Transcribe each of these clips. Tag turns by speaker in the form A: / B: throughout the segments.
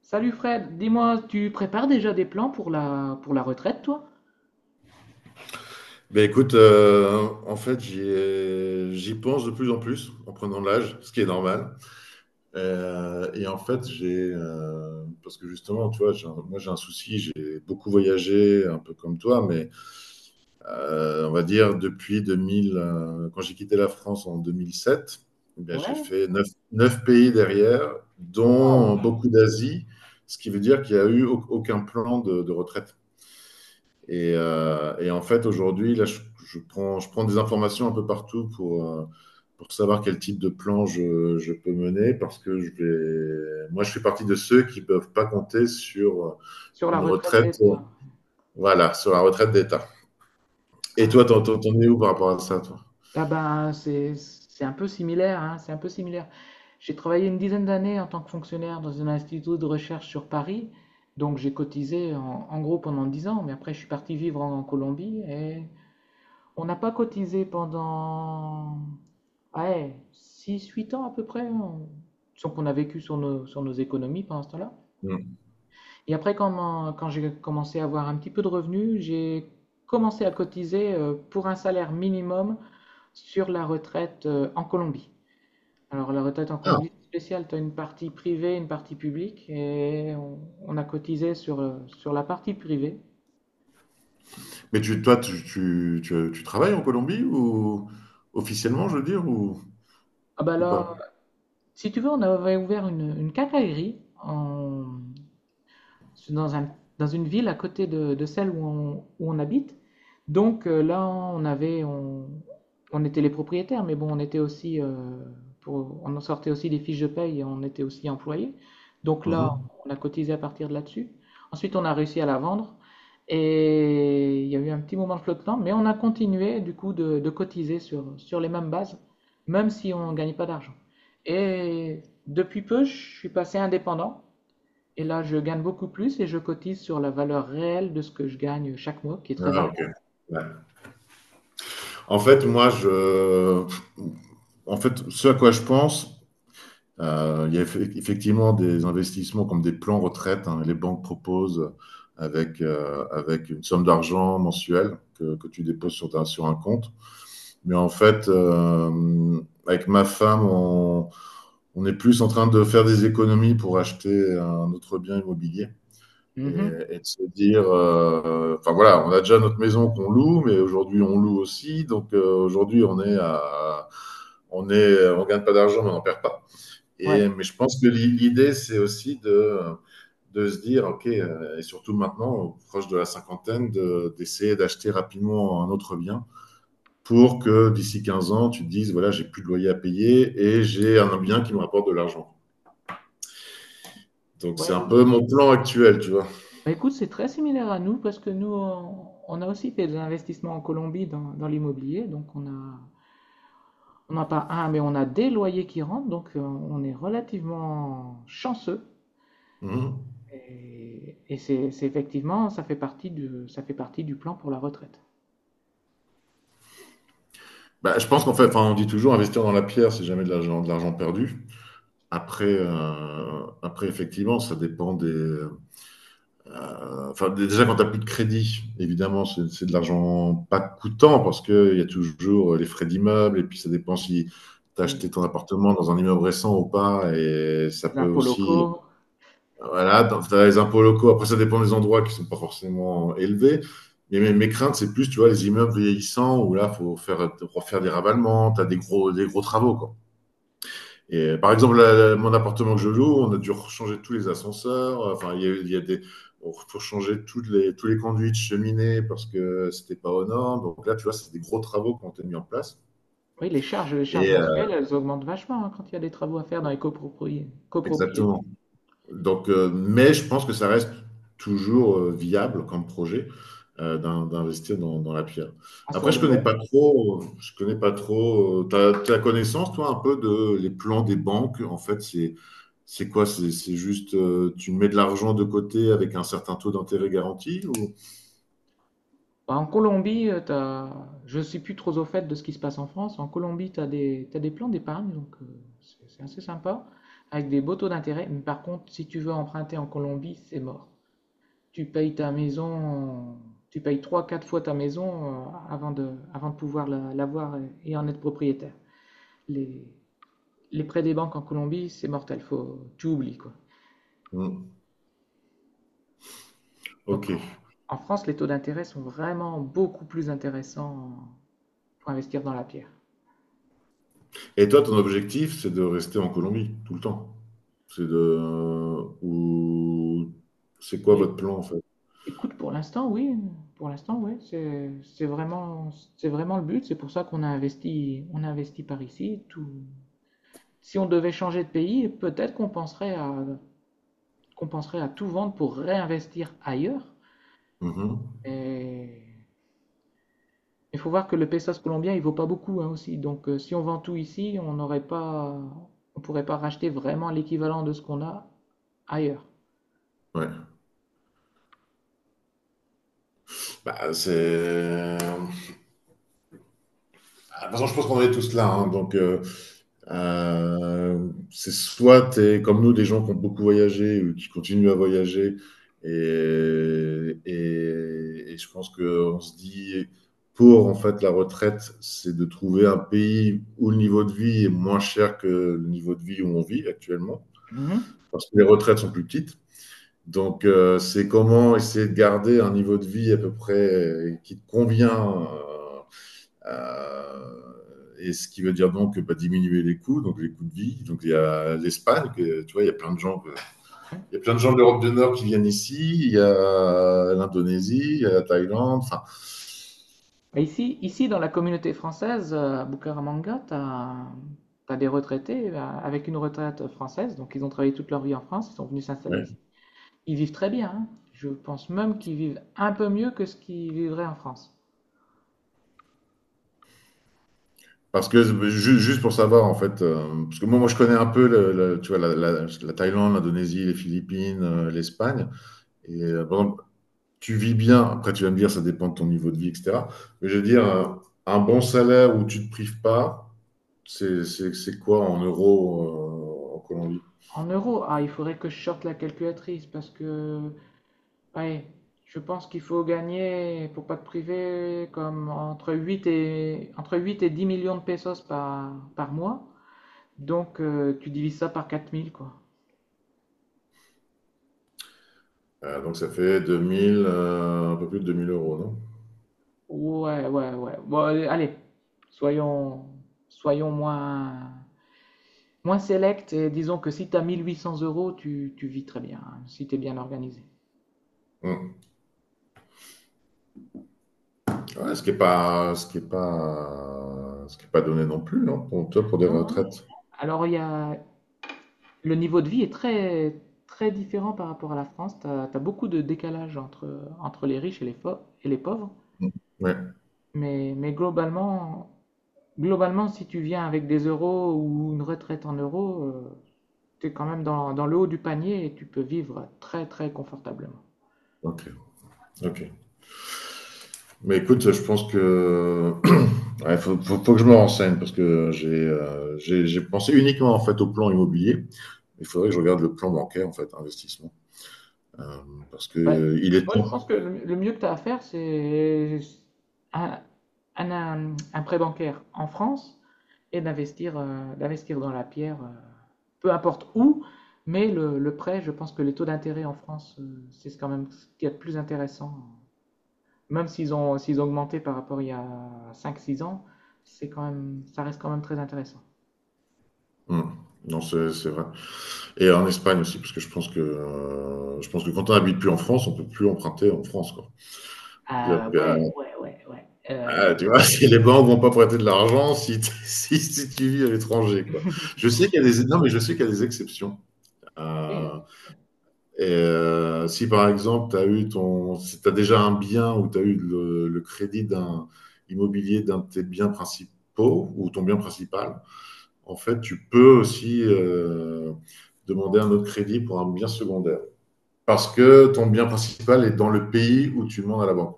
A: Salut Fred, dis-moi, tu prépares déjà des plans pour la retraite, toi?
B: Ben écoute, en fait, j'y pense de plus en plus en prenant de l'âge, ce qui est normal. Et en fait, parce que justement, tu vois, moi j'ai un souci, j'ai beaucoup voyagé, un peu comme toi, mais on va dire depuis 2000, quand j'ai quitté la France en 2007, eh bien, j'ai
A: Ouais.
B: fait neuf pays derrière,
A: Waouh.
B: dont beaucoup d'Asie, ce qui veut dire qu'il n'y a eu aucun plan de retraite. Et en fait, aujourd'hui, là, je prends des informations un peu partout pour savoir quel type de plan je peux mener, parce que moi, je fais partie de ceux qui ne peuvent pas compter sur
A: Sur la
B: une
A: retraite des...
B: retraite, voilà, sur la retraite d'État. Et toi,
A: Ah,
B: t'en es où par rapport à ça, toi?
A: ah ben c'est un peu similaire, hein, c'est un peu similaire. J'ai travaillé une dizaine d'années en tant que fonctionnaire dans un institut de recherche sur Paris, donc j'ai cotisé en gros pendant 10 ans, mais après je suis parti vivre en Colombie et on n'a pas cotisé pendant Ah ouais, six huit ans à peu près, hein. Sauf qu'on a vécu sur sur nos économies pendant ce temps-là.
B: Hmm.
A: Et après, quand j'ai commencé à avoir un petit peu de revenus, j'ai commencé à cotiser pour un salaire minimum sur la retraite en Colombie. Alors, la retraite en
B: Ah.
A: Colombie, c'est spécial, tu as une partie privée, une partie publique, on a cotisé sur la partie privée.
B: Mais tu, toi, tu travailles en Colombie ou officiellement, je veux dire,
A: Ah bah
B: ou
A: là,
B: pas?
A: si tu veux, on avait ouvert une quincaillerie dans un, dans une ville à côté de celle où on, où on habite. Donc là, on était les propriétaires, mais bon, on était aussi, pour, on en sortait aussi des fiches de paye et on était aussi employés. Donc là,
B: Mhm.
A: on a cotisé à partir de là-dessus. Ensuite, on a réussi à la vendre et il y a eu un petit moment de flottement, mais on a continué du coup de cotiser sur les mêmes bases, même si on ne gagnait pas d'argent. Et depuis peu, je suis passé indépendant. Et là, je gagne beaucoup plus et je cotise sur la valeur réelle de ce que je gagne chaque mois, qui est très
B: Ah, ok.
A: variable.
B: En fait, moi, en fait, ce à quoi je pense, il y a effectivement des investissements comme des plans retraite, hein. Les banques proposent avec une somme d'argent mensuelle que tu déposes sur un compte. Mais en fait, avec ma femme, on est plus en train de faire des économies pour acheter un autre bien immobilier et,
A: Mhm.
B: et de se dire, enfin voilà, on a déjà notre maison qu'on loue, mais aujourd'hui on loue aussi. Donc aujourd'hui on est à, on est, on gagne pas d'argent, mais on n'en perd pas.
A: Ouais,
B: Et mais je pense que l'idée c'est aussi de se dire, ok, et surtout maintenant, proche de la cinquantaine, d'essayer d'acheter rapidement un autre bien pour que d'ici 15 ans, tu te dises, voilà, j'ai plus de loyer à payer et j'ai un bien qui me rapporte de l'argent. Donc c'est
A: ouais,
B: un
A: nous.
B: peu mon plan actuel, tu vois.
A: Bah, écoute, c'est très similaire à nous parce que on a aussi fait des investissements en Colombie dans l'immobilier. Donc, on a, on n'a pas un, mais on a des loyers qui rentrent. Donc, on est relativement chanceux.
B: Mhm.
A: Et c'est effectivement, ça fait partie du plan pour la retraite.
B: Bah, je pense qu'en fait, enfin, on dit toujours investir dans la pierre, c'est jamais de l'argent perdu. Après, effectivement, ça dépend des. Enfin, déjà, quand tu n'as plus de crédit, évidemment, c'est de l'argent pas coûtant parce qu'il y a toujours les frais d'immeuble et puis ça dépend si tu as
A: Oui.
B: acheté ton appartement dans un immeuble récent ou pas. Et ça
A: Les
B: peut
A: impôts
B: aussi.
A: locaux,
B: Voilà, tu as les impôts locaux. Après, ça dépend des endroits qui sont pas forcément élevés. Mais mes craintes, c'est plus, tu vois, les immeubles vieillissants où là, refaire des ravalements, tu as des gros travaux, quoi. Et par exemple, mon appartement que je loue, on a dû changer tous les ascenseurs. Enfin, il y a des, on- faut changer tous les conduits de cheminée parce que c'était pas aux normes. Donc là, tu vois, c'est des gros travaux qui ont été mis en place.
A: oui, les charges
B: Et
A: mensuelles, elles augmentent vachement hein, quand il y a des travaux à faire dans les copropriétés,
B: exactement. Donc, mais je pense que ça reste toujours viable comme projet d'investir dans la pierre.
A: hein, sur
B: Après,
A: le long.
B: je connais pas trop. T'as connaissance, toi, un peu de les plans des banques. En fait, c'est quoi? C'est juste tu mets de l'argent de côté avec un certain taux d'intérêt garanti ou...
A: Bah, en Colombie, t'as... je ne suis plus trop au fait de ce qui se passe en France. En Colombie, tu as des... t'as des plans d'épargne, donc c'est assez sympa, avec des beaux taux d'intérêt. Mais par contre, si tu veux emprunter en Colombie, c'est mort. Tu payes ta maison, tu payes trois, quatre fois ta maison avant de pouvoir l'avoir et en être propriétaire. Les... les prêts des banques en Colombie, c'est mortel, faut... tu oublies quoi.
B: Hmm.
A: Donc,
B: Ok.
A: en France, les taux d'intérêt sont vraiment beaucoup plus intéressants pour investir dans la pierre.
B: Et toi, ton objectif, c'est de rester en Colombie tout le temps. C'est de ou c'est quoi
A: Mais
B: votre plan en fait?
A: écoute, pour l'instant, oui, c'est vraiment, c'est vraiment le but. C'est pour ça qu'on a investi, on a investi par ici. Tout. Si on devait changer de pays, peut-être qu'on penserait à tout vendre pour réinvestir ailleurs.
B: Mhm.
A: Et il faut voir que le pesos colombien, il vaut pas beaucoup hein, aussi. Donc, si on vend tout ici, on n'aurait pas, on pourrait pas racheter vraiment l'équivalent de ce qu'on a ailleurs.
B: Ouais. De toute façon, je pense qu'on est tous là, hein. Euh, c'est soit t'es comme nous, des gens qui ont beaucoup voyagé ou qui continuent à voyager. Et je pense qu'on se dit, pour en fait la retraite, c'est de trouver un pays où le niveau de vie est moins cher que le niveau de vie où on vit actuellement.
A: Mhm.
B: Parce que les retraites sont plus petites. Donc, c'est comment essayer de garder un niveau de vie à peu près qui te convient Euh, et ce qui veut dire donc bah, diminuer les coûts, donc les coûts de vie. Donc il y a l'Espagne, que, tu vois,
A: Ouais.
B: il y a plein de gens de l'Europe du Nord qui viennent ici, il y a l'Indonésie, il y a la Thaïlande. Enfin,
A: Et ici, dans la communauté française, à Bucaramanga, t'as des retraités avec une retraite française. Donc, ils ont travaillé toute leur vie en France, ils sont venus s'installer ici.
B: ouais.
A: Ils vivent très bien, hein. Je pense même qu'ils vivent un peu mieux que ce qu'ils vivraient en France.
B: Parce que juste pour savoir en fait, parce que moi je connais un peu, tu vois, la Thaïlande, l'Indonésie, les Philippines, l'Espagne. Et par exemple, tu vis bien. Après tu vas me dire ça dépend de ton niveau de vie, etc. Mais je veux dire un bon salaire où tu te prives pas. C'est quoi en euros en Colombie?
A: En euros, ah, il faudrait que je sorte la calculatrice parce que oui, je pense qu'il faut gagner, faut pas te priver, comme entre 8 et 10 millions de pesos par mois. Donc, tu divises ça par 4 000 quoi.
B: Donc ça fait 2000, un peu plus de 2000 euros, non?
A: Ouais, ouais, ouais. Bon, allez, allez. soyons, soyons moins, moins select et disons que si tu as 1 800 euros, tu vis très bien, hein, si tu es bien organisé.
B: Hum. Ouais, Ce qui n'est pas, ce qui est pas, ce qui est pas donné non plus, non? Pour toi, pour des
A: Non, non, non.
B: retraites.
A: Alors, il y a, le niveau de vie est très, très différent par rapport à la France. Beaucoup de décalage entre les riches et les pauvres.
B: Hum. Ouais,
A: Mais globalement, globalement, si tu viens avec des euros ou une retraite en euros, tu es quand même dans le haut du panier et tu peux vivre très, très confortablement.
B: ok, ok. Mais écoute, je pense que faut que je me renseigne parce que j'ai pensé uniquement en fait au plan immobilier. Il faudrait que je regarde le plan bancaire en fait, investissement. Euh, Parce
A: Ouais.
B: que il est
A: Moi, je
B: temps.
A: pense que le mieux que tu as à faire, c'est un, un prêt bancaire en France et d'investir d'investir dans la pierre, peu importe où, mais le prêt, je pense que les taux d'intérêt en France, c'est quand même ce qu'il y a de plus intéressant. Même s'ils ont augmenté par rapport à il y a cinq six ans, c'est quand même, ça reste quand même très intéressant.
B: Hum. Non, c'est vrai. Et en Espagne aussi, parce que je pense que quand on n'habite plus en France, on ne peut plus emprunter en France, quoi. C'est-à-dire
A: Ah
B: que,
A: ouais, ouais.
B: ah, tu vois, si les banques ne vont pas prêter de l'argent si, t- si tu vis à l'étranger, quoi. Je sais qu'il y a des, non, mais je sais qu'il y a des exceptions. Euh,
A: Et
B: et si par exemple, tu as eu ton, si t'as déjà un bien ou tu as eu le crédit d'un immobilier d'un de tes biens principaux ou ton bien principal, en fait, tu peux aussi demander un autre crédit pour un bien secondaire, parce que ton bien principal est dans le pays où tu demandes à la banque.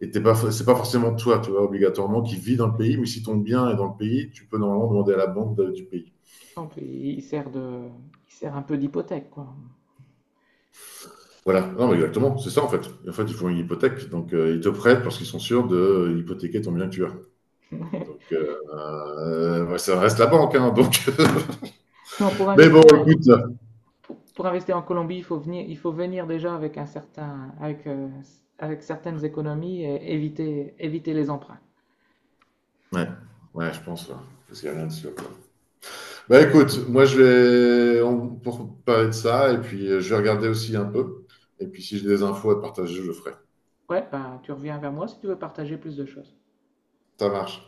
B: Et t'es pas, c'est pas forcément toi, tu vois, obligatoirement, qui vit dans le pays, mais si ton bien est dans le pays, tu peux normalement demander à la banque du pays.
A: donc, il sert un peu d'hypothèque, quoi.
B: Voilà. Non, mais exactement, c'est ça en fait. En fait, ils font une hypothèque, donc ils te prêtent parce qu'ils sont sûrs de hypothéquer ton bien que tu as. Donc, ouais, ça reste la banque, hein, donc.
A: Non, pour
B: Mais bon,
A: investir,
B: écoute.
A: pour investir en Colombie, il faut venir déjà avec un certain, avec, avec certaines économies et éviter, éviter les emprunts.
B: Ouais, ouais, je pense, ouais. Parce qu'il n'y a rien de sûr, quoi. Bah écoute, moi je vais pour parler de ça, et puis je vais regarder aussi un peu. Et puis si j'ai des infos à partager, je le ferai.
A: Ouais, bah, tu reviens vers moi si tu veux partager plus de choses.
B: Ça marche.